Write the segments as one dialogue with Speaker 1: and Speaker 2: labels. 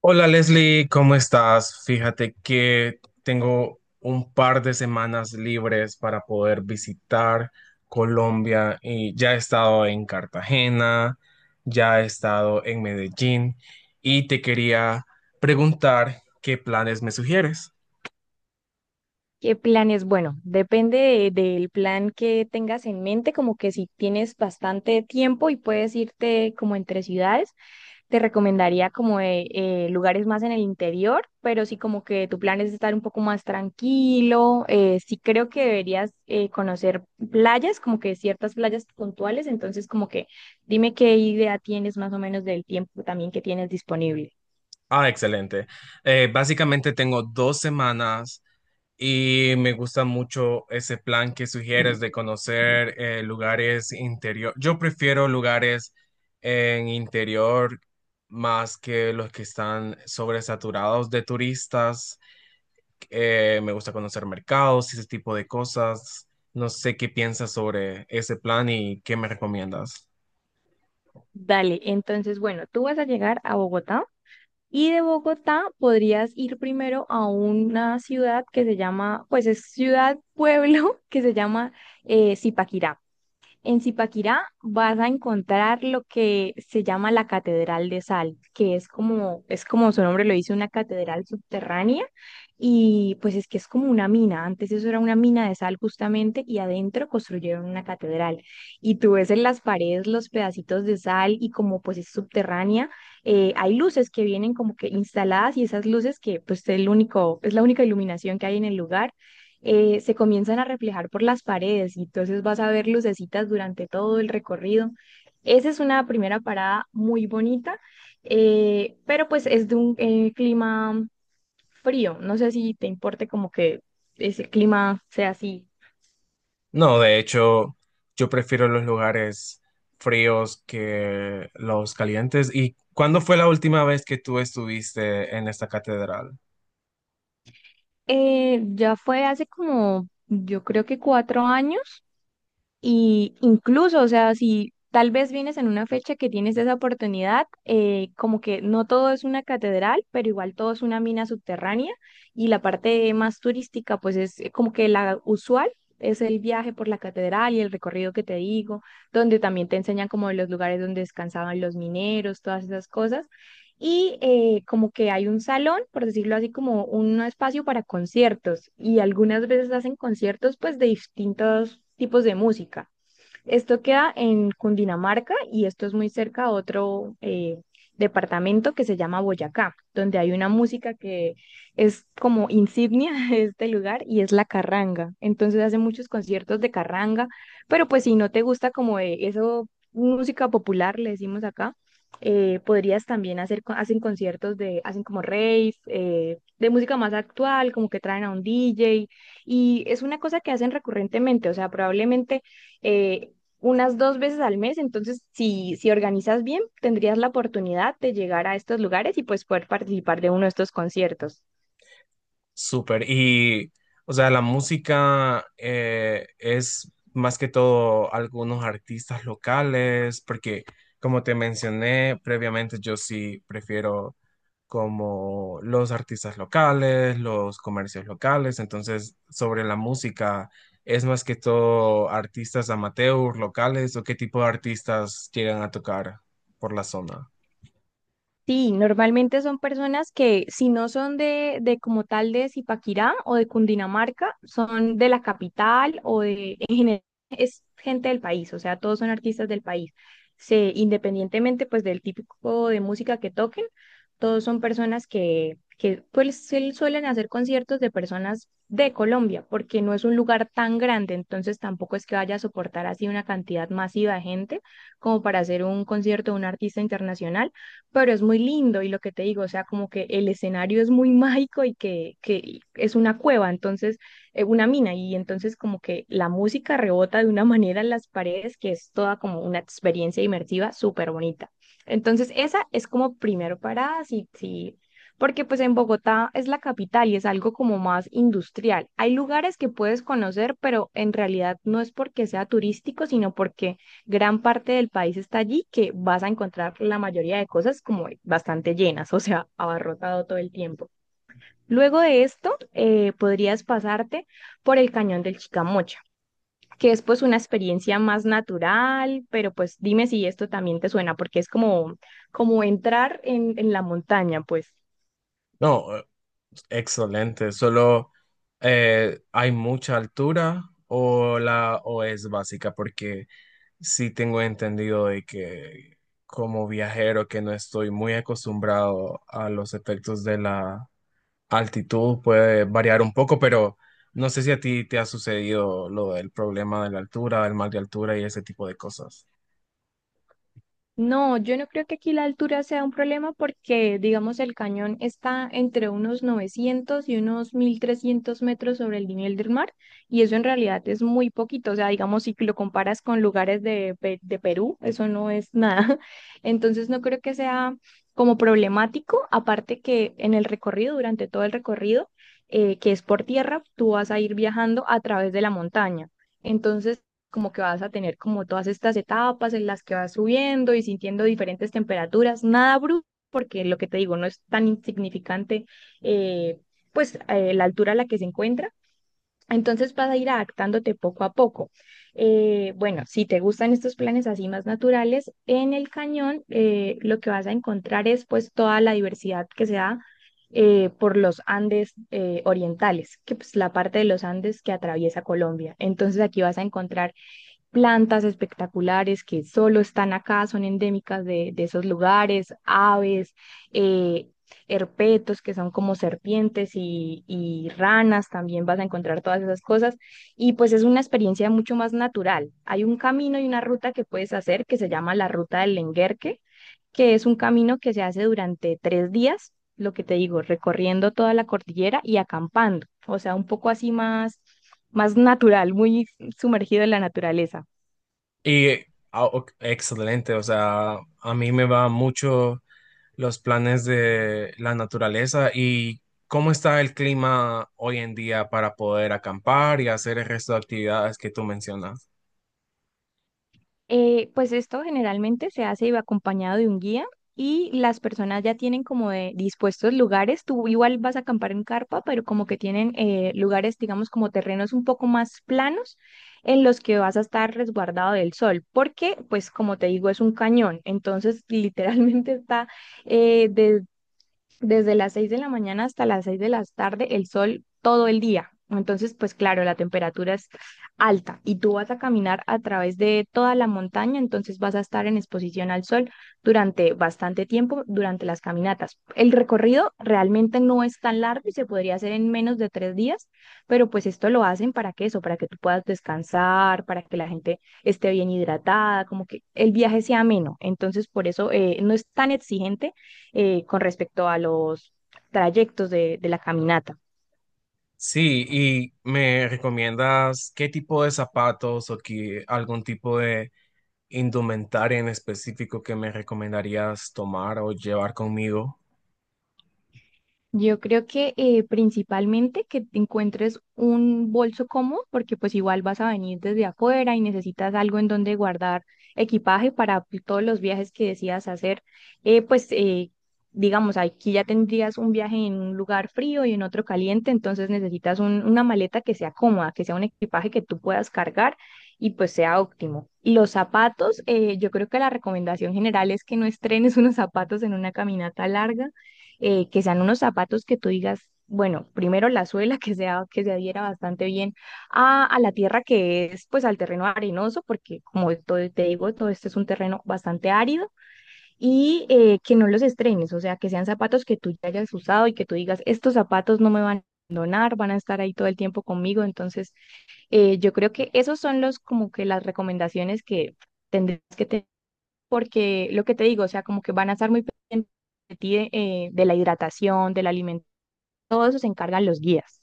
Speaker 1: Hola Leslie, ¿cómo estás? Fíjate que tengo un par de semanas libres para poder visitar Colombia y ya he estado en Cartagena, ya he estado en Medellín y te quería preguntar qué planes me sugieres.
Speaker 2: ¿Qué planes? Bueno, depende del plan que tengas en mente, como que si tienes bastante tiempo y puedes irte como entre ciudades, te recomendaría como lugares más en el interior, pero si como que tu plan es estar un poco más tranquilo, sí creo que deberías conocer playas, como que ciertas playas puntuales, entonces como que dime qué idea tienes más o menos del tiempo también que tienes disponible.
Speaker 1: Ah, excelente. Básicamente tengo 2 semanas y me gusta mucho ese plan que sugieres de conocer lugares interior. Yo prefiero lugares en interior más que los que están sobresaturados de turistas. Me gusta conocer mercados y ese tipo de cosas. No sé qué piensas sobre ese plan y qué me recomiendas.
Speaker 2: Dale, entonces, bueno, tú vas a llegar a Bogotá y de Bogotá podrías ir primero a una ciudad que se llama, pues es ciudad, pueblo, que se llama Zipaquirá. En Zipaquirá vas a encontrar lo que se llama la Catedral de Sal, que es como su nombre lo dice, una catedral subterránea. Y pues es que es como una mina. Antes eso era una mina de sal justamente y adentro construyeron una catedral. Y tú ves en las paredes los pedacitos de sal y como pues es subterránea, hay luces que vienen como que instaladas y esas luces que pues es el único, es la única iluminación que hay en el lugar se comienzan a reflejar por las paredes y entonces vas a ver lucecitas durante todo el recorrido. Esa es una primera parada muy bonita, pero pues es de un clima frío. No sé si te importe como que ese clima sea así.
Speaker 1: No, de hecho, yo prefiero los lugares fríos que los calientes. ¿Y cuándo fue la última vez que tú estuviste en esta catedral?
Speaker 2: Ya fue hace como, yo creo que 4 años. Y incluso, o sea, si tal vez vienes en una fecha que tienes esa oportunidad, como que no todo es una catedral, pero igual todo es una mina subterránea y la parte más turística, pues es como que la usual. Es el viaje por la catedral y el recorrido que te digo, donde también te enseñan como de los lugares donde descansaban los mineros, todas esas cosas. Y como que hay un salón, por decirlo así, como un espacio para conciertos. Y algunas veces hacen conciertos pues de distintos tipos de música. Esto queda en Cundinamarca y esto es muy cerca a otro departamento que se llama Boyacá, donde hay una música que es como insignia de este lugar y es la carranga. Entonces hacen muchos conciertos de carranga, pero pues si no te gusta como eso, música popular, le decimos acá, podrías también hacer, hacen conciertos de, hacen como rave, de música más actual, como que traen a un DJ, y es una cosa que hacen recurrentemente, o sea, probablemente eh, unas 2 veces al mes, entonces si organizas bien, tendrías la oportunidad de llegar a estos lugares y pues poder participar de uno de estos conciertos.
Speaker 1: Súper. Y, o sea, la música es más que todo algunos artistas locales, porque como te mencioné previamente, yo sí prefiero como los artistas locales, los comercios locales. Entonces, sobre la música, ¿es más que todo artistas amateurs locales o qué tipo de artistas llegan a tocar por la zona?
Speaker 2: Sí, normalmente son personas que si no son de como tal de Zipaquirá o de Cundinamarca, son de la capital o de, en general, es gente del país, o sea, todos son artistas del país. Se, independientemente pues del típico de música que toquen, todos son personas que pues sí suelen hacer conciertos de personas de Colombia, porque no es un lugar tan grande, entonces tampoco es que vaya a soportar así una cantidad masiva de gente como para hacer un concierto de un artista internacional, pero es muy lindo y lo que te digo, o sea, como que el escenario es muy mágico y que es una cueva, entonces, una mina, y entonces como que la música rebota de una manera en las paredes que es toda como una experiencia inmersiva súper bonita. Entonces, esa es como primero parada, sí, sí, porque pues en Bogotá es la capital y es algo como más industrial. Hay lugares que puedes conocer, pero en realidad no es porque sea turístico, sino porque gran parte del país está allí, que vas a encontrar la mayoría de cosas como bastante llenas, o sea, abarrotado todo el tiempo. Luego de esto, podrías pasarte por el cañón del Chicamocha, que es pues una experiencia más natural, pero pues dime si esto también te suena, porque es como, como entrar en la montaña, pues.
Speaker 1: No, excelente. Solo hay mucha altura o la o es básica porque sí tengo entendido de que como viajero que no estoy muy acostumbrado a los efectos de la altitud puede variar un poco, pero no sé si a ti te ha sucedido lo del problema de la altura, del mal de altura y ese tipo de cosas.
Speaker 2: No, yo no creo que aquí la altura sea un problema porque, digamos, el cañón está entre unos 900 y unos 1.300 metros sobre el nivel del mar y eso en realidad es muy poquito. O sea, digamos, si lo comparas con lugares de Perú, eso no es nada. Entonces, no creo que sea como problemático, aparte que en el recorrido, durante todo el recorrido, que es por tierra, tú vas a ir viajando a través de la montaña. Entonces, como que vas a tener como todas estas etapas en las que vas subiendo y sintiendo diferentes temperaturas, nada brusco, porque lo que te digo, no es tan insignificante, eh, la altura a la que se encuentra. Entonces vas a ir adaptándote poco a poco. Bueno, si te gustan estos planes así más naturales, en el cañón lo que vas a encontrar es pues toda la diversidad que se da por los Andes orientales, que pues la parte de los Andes que atraviesa Colombia. Entonces aquí vas a encontrar plantas espectaculares que solo están acá, son endémicas de esos lugares, aves, eh, herpetos que son como serpientes y ranas, también vas a encontrar todas esas cosas. Y pues es una experiencia mucho más natural. Hay un camino y una ruta que puedes hacer que se llama la ruta del Lenguerque, que es un camino que se hace durante 3 días, lo que te digo, recorriendo toda la cordillera y acampando, o sea, un poco así más, más natural, muy sumergido en la naturaleza.
Speaker 1: Y ah, ok, excelente, o sea, a mí me va mucho los planes de la naturaleza y cómo está el clima hoy en día para poder acampar y hacer el resto de actividades que tú mencionas.
Speaker 2: Pues esto generalmente se hace acompañado de un guía y las personas ya tienen como de dispuestos lugares. Tú igual vas a acampar en carpa, pero como que tienen lugares, digamos, como terrenos un poco más planos en los que vas a estar resguardado del sol, porque pues como te digo, es un cañón. Entonces, literalmente está eh desde las 6 de la mañana hasta las 6 de la tarde el sol todo el día. Entonces, pues claro, la temperatura es alta y tú vas a caminar a través de toda la montaña, entonces vas a estar en exposición al sol durante bastante tiempo, durante las caminatas. El recorrido realmente no es tan largo y se podría hacer en menos de 3 días, pero pues esto lo hacen para que eso, para que tú puedas descansar, para que la gente esté bien hidratada, como que el viaje sea ameno. Entonces, por eso no es tan exigente con respecto a los trayectos de la caminata.
Speaker 1: Sí, y me recomiendas qué tipo de zapatos o qué- algún tipo de indumentaria en específico que me recomendarías tomar o llevar conmigo.
Speaker 2: Yo creo que principalmente que te encuentres un bolso cómodo, porque pues igual vas a venir desde afuera y necesitas algo en donde guardar equipaje para todos los viajes que decidas hacer. Eh, pues eh, digamos, aquí ya tendrías un viaje en un lugar frío y en otro caliente, entonces necesitas una maleta que sea cómoda, que sea un equipaje que tú puedas cargar y pues sea óptimo. Los zapatos, yo creo que la recomendación general es que no estrenes unos zapatos en una caminata larga que sean unos zapatos que tú digas, bueno, primero la suela que sea, que se adhiera bastante bien a la tierra que es, pues al terreno arenoso, porque como te digo, todo este es un terreno bastante árido, y que no los estrenes, o sea, que sean zapatos que tú ya hayas usado y que tú digas, estos zapatos no me van a abandonar, van a estar ahí todo el tiempo conmigo, entonces yo creo que esos son los como que las recomendaciones que tendrías que tener porque lo que te digo, o sea, como que van a estar muy pendientes de ti, de la hidratación, del alimento, todo eso se encargan los guías.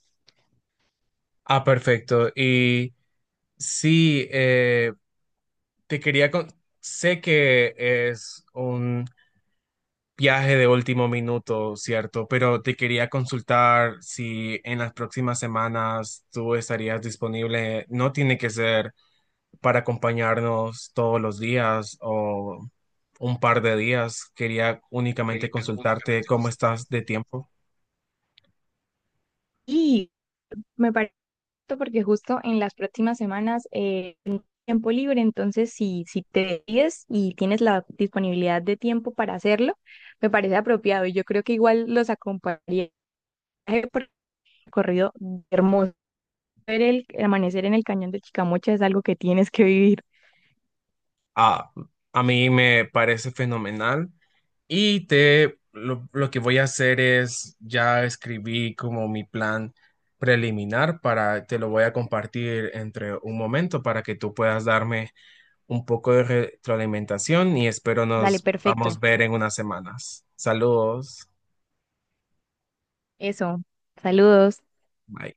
Speaker 1: Ah, perfecto. Y sí, te quería con- sé que es un viaje de último minuto, ¿cierto? Pero te quería consultar si en las próximas semanas tú estarías disponible. No tiene que ser para acompañarnos todos los días o un par de días. Quería únicamente consultarte cómo estás de tiempo.
Speaker 2: Y me parece porque justo en las próximas semanas tengo tiempo libre, entonces si te decides y tienes la disponibilidad de tiempo para hacerlo, me parece apropiado. Y yo creo que igual los acompañaría por el recorrido hermoso. Ver el amanecer en el cañón de Chicamocha es algo que tienes que vivir.
Speaker 1: Ah, a mí me parece fenomenal y te lo que voy a hacer es ya escribí como mi plan preliminar para te lo voy a compartir entre un momento para que tú puedas darme un poco de retroalimentación y espero
Speaker 2: Dale,
Speaker 1: nos podamos
Speaker 2: perfecto.
Speaker 1: ver en unas semanas. Saludos.
Speaker 2: Eso. Saludos.
Speaker 1: Bye.